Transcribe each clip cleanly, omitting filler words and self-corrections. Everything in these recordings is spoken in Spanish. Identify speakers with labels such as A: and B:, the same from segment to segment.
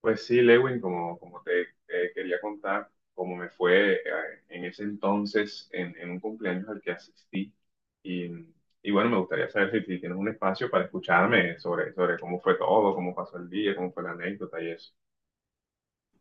A: Pues sí, Lewin, te quería contar cómo me fue en ese entonces en un cumpleaños al que asistí. Y, bueno, me gustaría saber si tienes un espacio para escucharme sobre cómo fue todo, cómo pasó el día, cómo fue la anécdota y eso.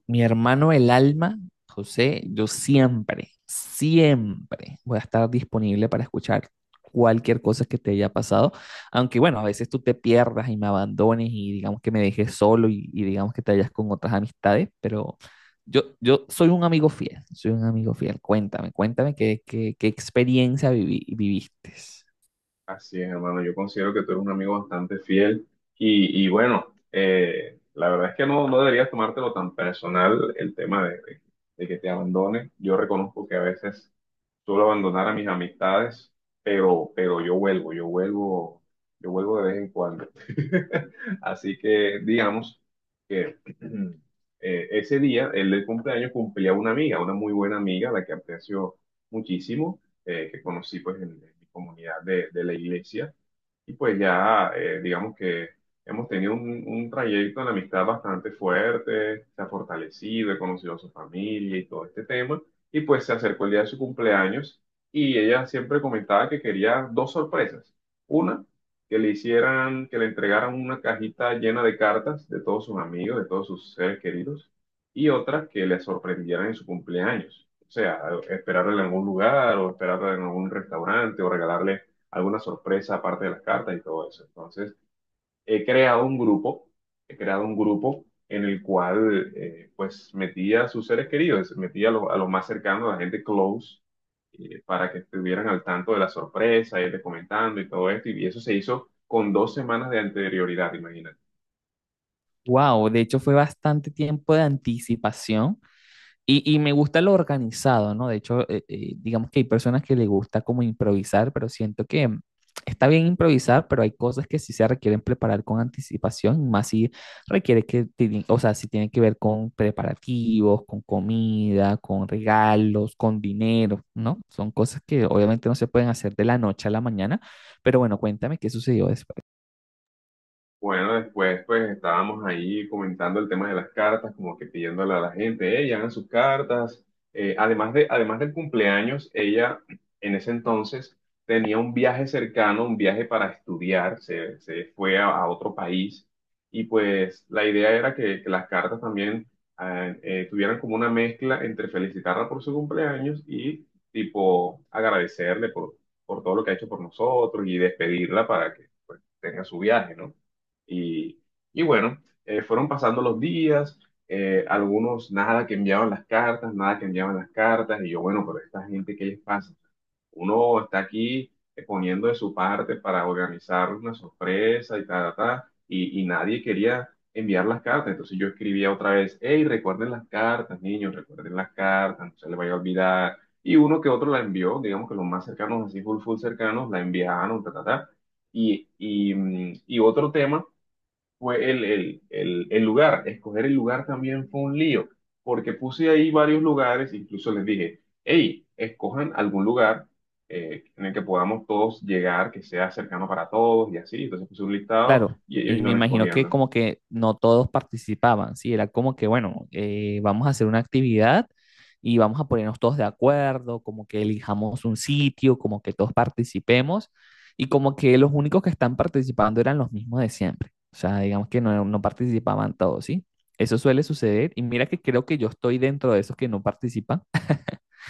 B: Mi hermano el alma, José, yo siempre, siempre voy a estar disponible para escuchar cualquier cosa que te haya pasado, aunque bueno, a veces tú te pierdas y me abandones y digamos que me dejes solo y digamos que te hayas con otras amistades, pero yo soy un amigo fiel, soy un amigo fiel. Cuéntame, cuéntame qué experiencia viviste.
A: Así es, hermano, yo considero que tú eres un amigo bastante fiel. Y bueno, la verdad es que no deberías tomártelo tan personal el tema de que te abandone. Yo reconozco que a veces suelo abandonar a mis amistades, pero yo vuelvo, yo vuelvo, yo vuelvo de vez en cuando. Así que digamos que ese día, el del cumpleaños, cumplía una amiga, una muy buena amiga, la que aprecio muchísimo, que conocí pues en mi comunidad de la iglesia. Y pues ya, digamos que hemos tenido un trayecto de amistad bastante fuerte, se ha fortalecido, he conocido a su familia y todo este tema. Y pues se acercó el día de su cumpleaños y ella siempre comentaba que quería dos sorpresas. Una, que le hicieran, que le entregaran una cajita llena de cartas de todos sus amigos, de todos sus seres queridos. Y otra, que le sorprendieran en su cumpleaños. O sea, esperarle en algún lugar o esperarla en algún restaurante o regalarle alguna sorpresa aparte de las cartas y todo eso. Entonces, he creado un grupo, he creado un grupo en el cual pues metía a sus seres queridos, metía a los más cercanos, a la gente close, para que estuvieran al tanto de la sorpresa, irles comentando y todo esto. Y eso se hizo con 2 semanas de anterioridad, imagínate.
B: Wow, de hecho fue bastante tiempo de anticipación. Y me gusta lo organizado, ¿no? De hecho, digamos que hay personas que les gusta como improvisar, pero siento que está bien improvisar, pero hay cosas que sí se requieren preparar con anticipación, más si requiere o sea, si tiene que ver con preparativos, con comida, con regalos, con dinero, ¿no? Son cosas que obviamente no se pueden hacer de la noche a la mañana, pero bueno, cuéntame qué sucedió después.
A: Bueno, después pues estábamos ahí comentando el tema de las cartas, como que pidiéndole a la gente, ella hagan sus cartas. Además del cumpleaños, ella en ese entonces tenía un viaje cercano, un viaje para estudiar, se fue a otro país y pues la idea era que las cartas también tuvieran como una mezcla entre felicitarla por su cumpleaños y tipo agradecerle por todo lo que ha hecho por nosotros y despedirla para que pues tenga su viaje, ¿no? Y, y bueno, fueron pasando los días, algunos nada que enviaban las cartas, nada que enviaban las cartas, y yo, bueno, pero esta gente, ¿qué les pasa? Uno está aquí poniendo de su parte para organizar una sorpresa y tal, y nadie quería enviar las cartas, entonces yo escribía otra vez, hey, recuerden las cartas, niños, recuerden las cartas, no se les vaya a olvidar, y uno que otro la envió, digamos que los más cercanos, así full, full cercanos, la enviaron, ta, ta, ta. Y otro tema fue el lugar. Escoger el lugar también fue un lío, porque puse ahí varios lugares, incluso les dije, hey, escojan algún lugar en el que podamos todos llegar, que sea cercano para todos y así. Entonces puse un listado
B: Claro,
A: y ellos
B: y me
A: iban
B: imagino que
A: escogiendo.
B: como que no todos participaban, ¿sí? Era como que, bueno, vamos a hacer una actividad y vamos a ponernos todos de acuerdo, como que elijamos un sitio, como que todos participemos, y como que los únicos que están participando eran los mismos de siempre, o sea, digamos que no participaban todos, ¿sí? Eso suele suceder, y mira que creo que yo estoy dentro de esos que no participan,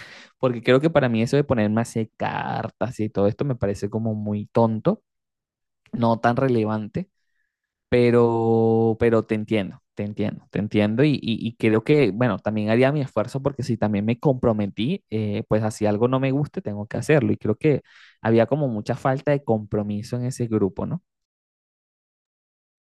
B: porque creo que para mí eso de ponerme a hacer cartas y todo esto me parece como muy tonto, no tan relevante. Pero te entiendo, te entiendo, te entiendo y creo que, bueno, también haría mi esfuerzo porque si también me comprometí, pues así algo no me guste, tengo que hacerlo. Y creo que había como mucha falta de compromiso en ese grupo, ¿no?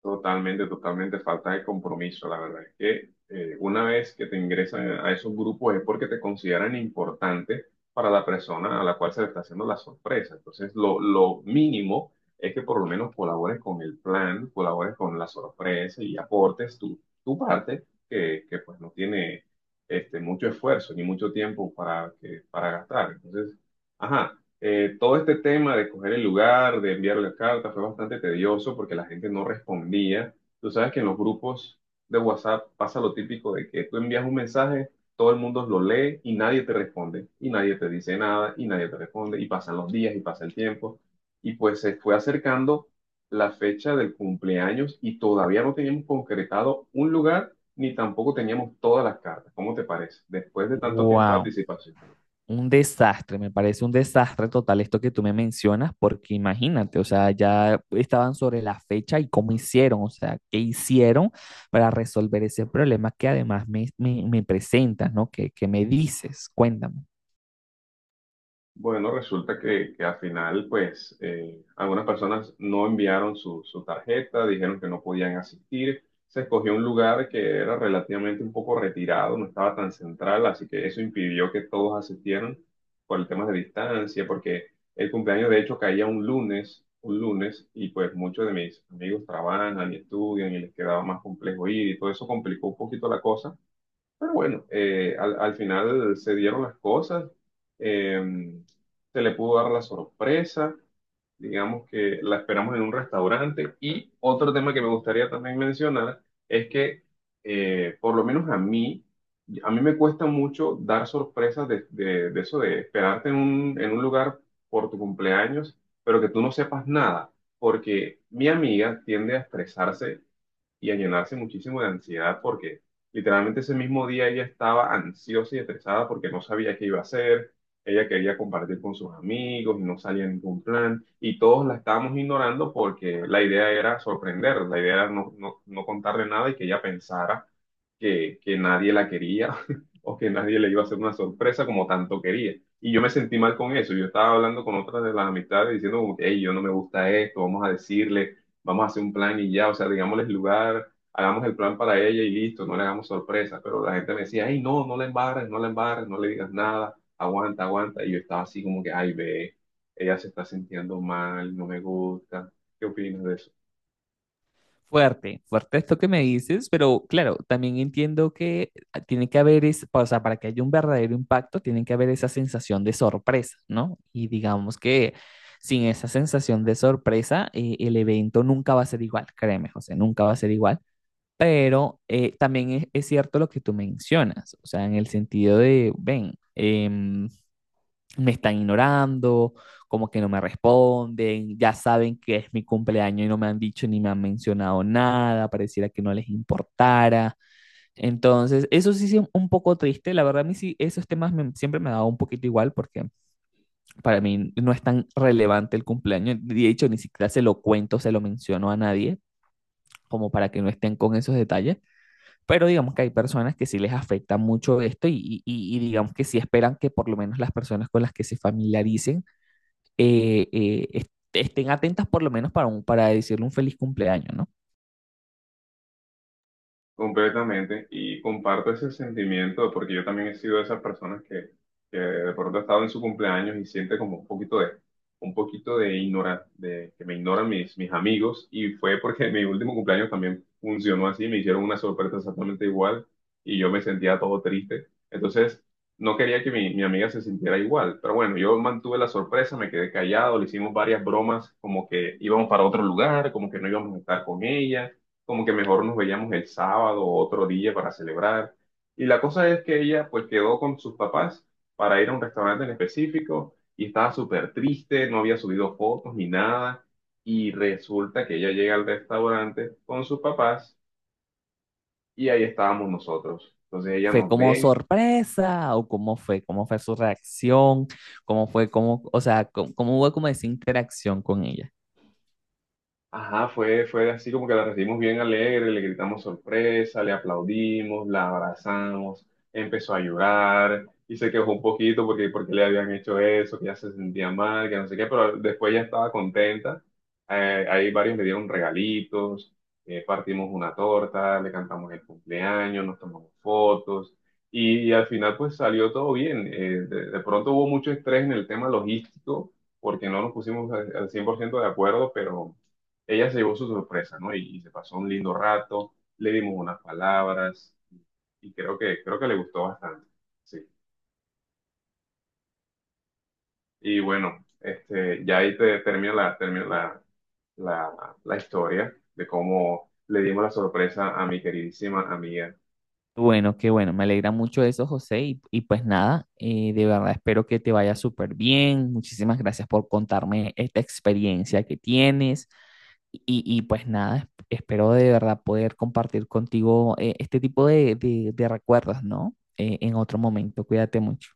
A: Totalmente, totalmente falta de compromiso. La verdad es que una vez que te ingresan a esos grupos es porque te consideran importante para la persona a la cual se le está haciendo la sorpresa. Entonces, lo mínimo es que por lo menos colabores con el plan, colabores con la sorpresa y aportes tu parte, que pues no tiene este, mucho esfuerzo ni mucho tiempo para gastar. Entonces, ajá. Todo este tema de coger el lugar, de enviar la carta, fue bastante tedioso porque la gente no respondía. Tú sabes que en los grupos de WhatsApp pasa lo típico de que tú envías un mensaje, todo el mundo lo lee y nadie te responde, y nadie te dice nada, y nadie te responde, y pasan los días y pasa el tiempo. Y pues se fue acercando la fecha del cumpleaños y todavía no teníamos concretado un lugar ni tampoco teníamos todas las cartas. ¿Cómo te parece? Después de tanto tiempo de
B: Wow,
A: anticipación.
B: un desastre, me parece un desastre total esto que tú me mencionas porque imagínate, o sea, ya estaban sobre la fecha y cómo hicieron, o sea, qué hicieron para resolver ese problema que además me presentas, ¿no? ¿Qué, qué me dices? Cuéntame.
A: Bueno, resulta que al final, pues, algunas personas no enviaron su tarjeta, dijeron que no podían asistir. Se escogió un lugar que era relativamente un poco retirado, no estaba tan central, así que eso impidió que todos asistieran por el tema de distancia, porque el cumpleaños de hecho caía un lunes, y pues muchos de mis amigos trabajan y estudian y les quedaba más complejo ir y todo eso complicó un poquito la cosa. Pero bueno, al final se dieron las cosas, eh, se le pudo dar la sorpresa, digamos que la esperamos en un restaurante. Y otro tema que me gustaría también mencionar es que, por lo menos a mí me cuesta mucho dar sorpresas de eso de esperarte en en un lugar por tu cumpleaños, pero que tú no sepas nada, porque mi amiga tiende a estresarse y a llenarse muchísimo de ansiedad porque literalmente ese mismo día ella estaba ansiosa y estresada porque no sabía qué iba a hacer, ella quería compartir con sus amigos y no salía ningún plan y todos la estábamos ignorando porque la idea era sorprender, la idea era no contarle nada y que ella pensara que nadie la quería o que nadie le iba a hacer una sorpresa como tanto quería. Y yo me sentí mal con eso. Yo estaba hablando con otras de las amistades diciendo como que, hey, yo no me gusta esto, vamos a decirle, vamos a hacer un plan y ya, o sea, digámosles el lugar, hagamos el plan para ella y listo, no le hagamos sorpresa. Pero la gente me decía, hey, no, no la embarres, no la embarres, no le digas nada, aguanta, aguanta. Y yo estaba así como que, ay, ve, ella se está sintiendo mal, no me gusta. ¿Qué opinas de eso?
B: Fuerte, fuerte esto que me dices, pero claro, también entiendo que tiene que haber, es, o sea, para que haya un verdadero impacto, tiene que haber esa sensación de sorpresa, ¿no? Y digamos que sin esa sensación de sorpresa, el evento nunca va a ser igual, créeme, José, nunca va a ser igual, pero también es cierto lo que tú mencionas, o sea, en el sentido de, ven, me están ignorando, como que no me responden, ya saben que es mi cumpleaños y no me han dicho ni me han mencionado nada, pareciera que no les importara. Entonces, eso sí es un poco triste, la verdad a mí sí, esos temas me- siempre me ha dado un poquito igual porque para mí no es tan relevante el cumpleaños, de hecho ni siquiera se lo cuento, se lo menciono a nadie, como para que no estén con esos detalles, pero digamos que hay personas que sí les afecta mucho esto y digamos que sí esperan que por lo menos las personas con las que se familiaricen estén atentas por lo menos para, un, para decirle un feliz cumpleaños, ¿no?
A: Completamente, y comparto ese sentimiento porque yo también he sido de esas personas que de pronto ha estado en su cumpleaños y siente como un poquito de ignorar, de que me ignoran mis amigos y fue porque mi último cumpleaños también funcionó así, me hicieron una sorpresa exactamente igual y yo me sentía todo triste. Entonces, no quería que mi amiga se sintiera igual, pero bueno, yo mantuve la sorpresa, me quedé callado, le hicimos varias bromas como que íbamos para otro lugar, como que no íbamos a estar con ella como que mejor nos veíamos el sábado o otro día para celebrar. Y la cosa es que ella pues quedó con sus papás para ir a un restaurante en específico y estaba súper triste, no había subido fotos ni nada. Y resulta que ella llega al restaurante con sus papás y ahí estábamos nosotros. Entonces ella
B: ¿Fue
A: nos
B: como
A: ve.
B: sorpresa o cómo fue? ¿Cómo fue su reacción? ¿Cómo fue? ¿Cómo, o sea, cómo, cómo hubo como esa interacción con ella?
A: Ajá, fue, fue así como que la recibimos bien alegre, le gritamos sorpresa, le aplaudimos, la abrazamos, empezó a llorar y se quejó un poquito porque, porque le habían hecho eso, que ya se sentía mal, que no sé qué, pero después ya estaba contenta. Ahí varios le dieron regalitos, partimos una torta, le cantamos el cumpleaños, nos tomamos fotos y al final pues salió todo bien. De pronto hubo mucho estrés en el tema logístico porque no nos pusimos al 100% de acuerdo, pero... Ella se llevó su sorpresa, ¿no? Y se pasó un lindo rato, le dimos unas palabras y creo que le gustó bastante, sí. Y bueno, este, ya ahí te termino termino la historia de cómo le dimos la sorpresa a mi queridísima amiga.
B: Bueno, qué bueno, me alegra mucho eso, José. Y pues nada, de verdad espero que te vaya súper bien. Muchísimas gracias por contarme esta experiencia que tienes. Y pues nada, es- espero de verdad poder compartir contigo este tipo de recuerdos, ¿no? En otro momento. Cuídate mucho.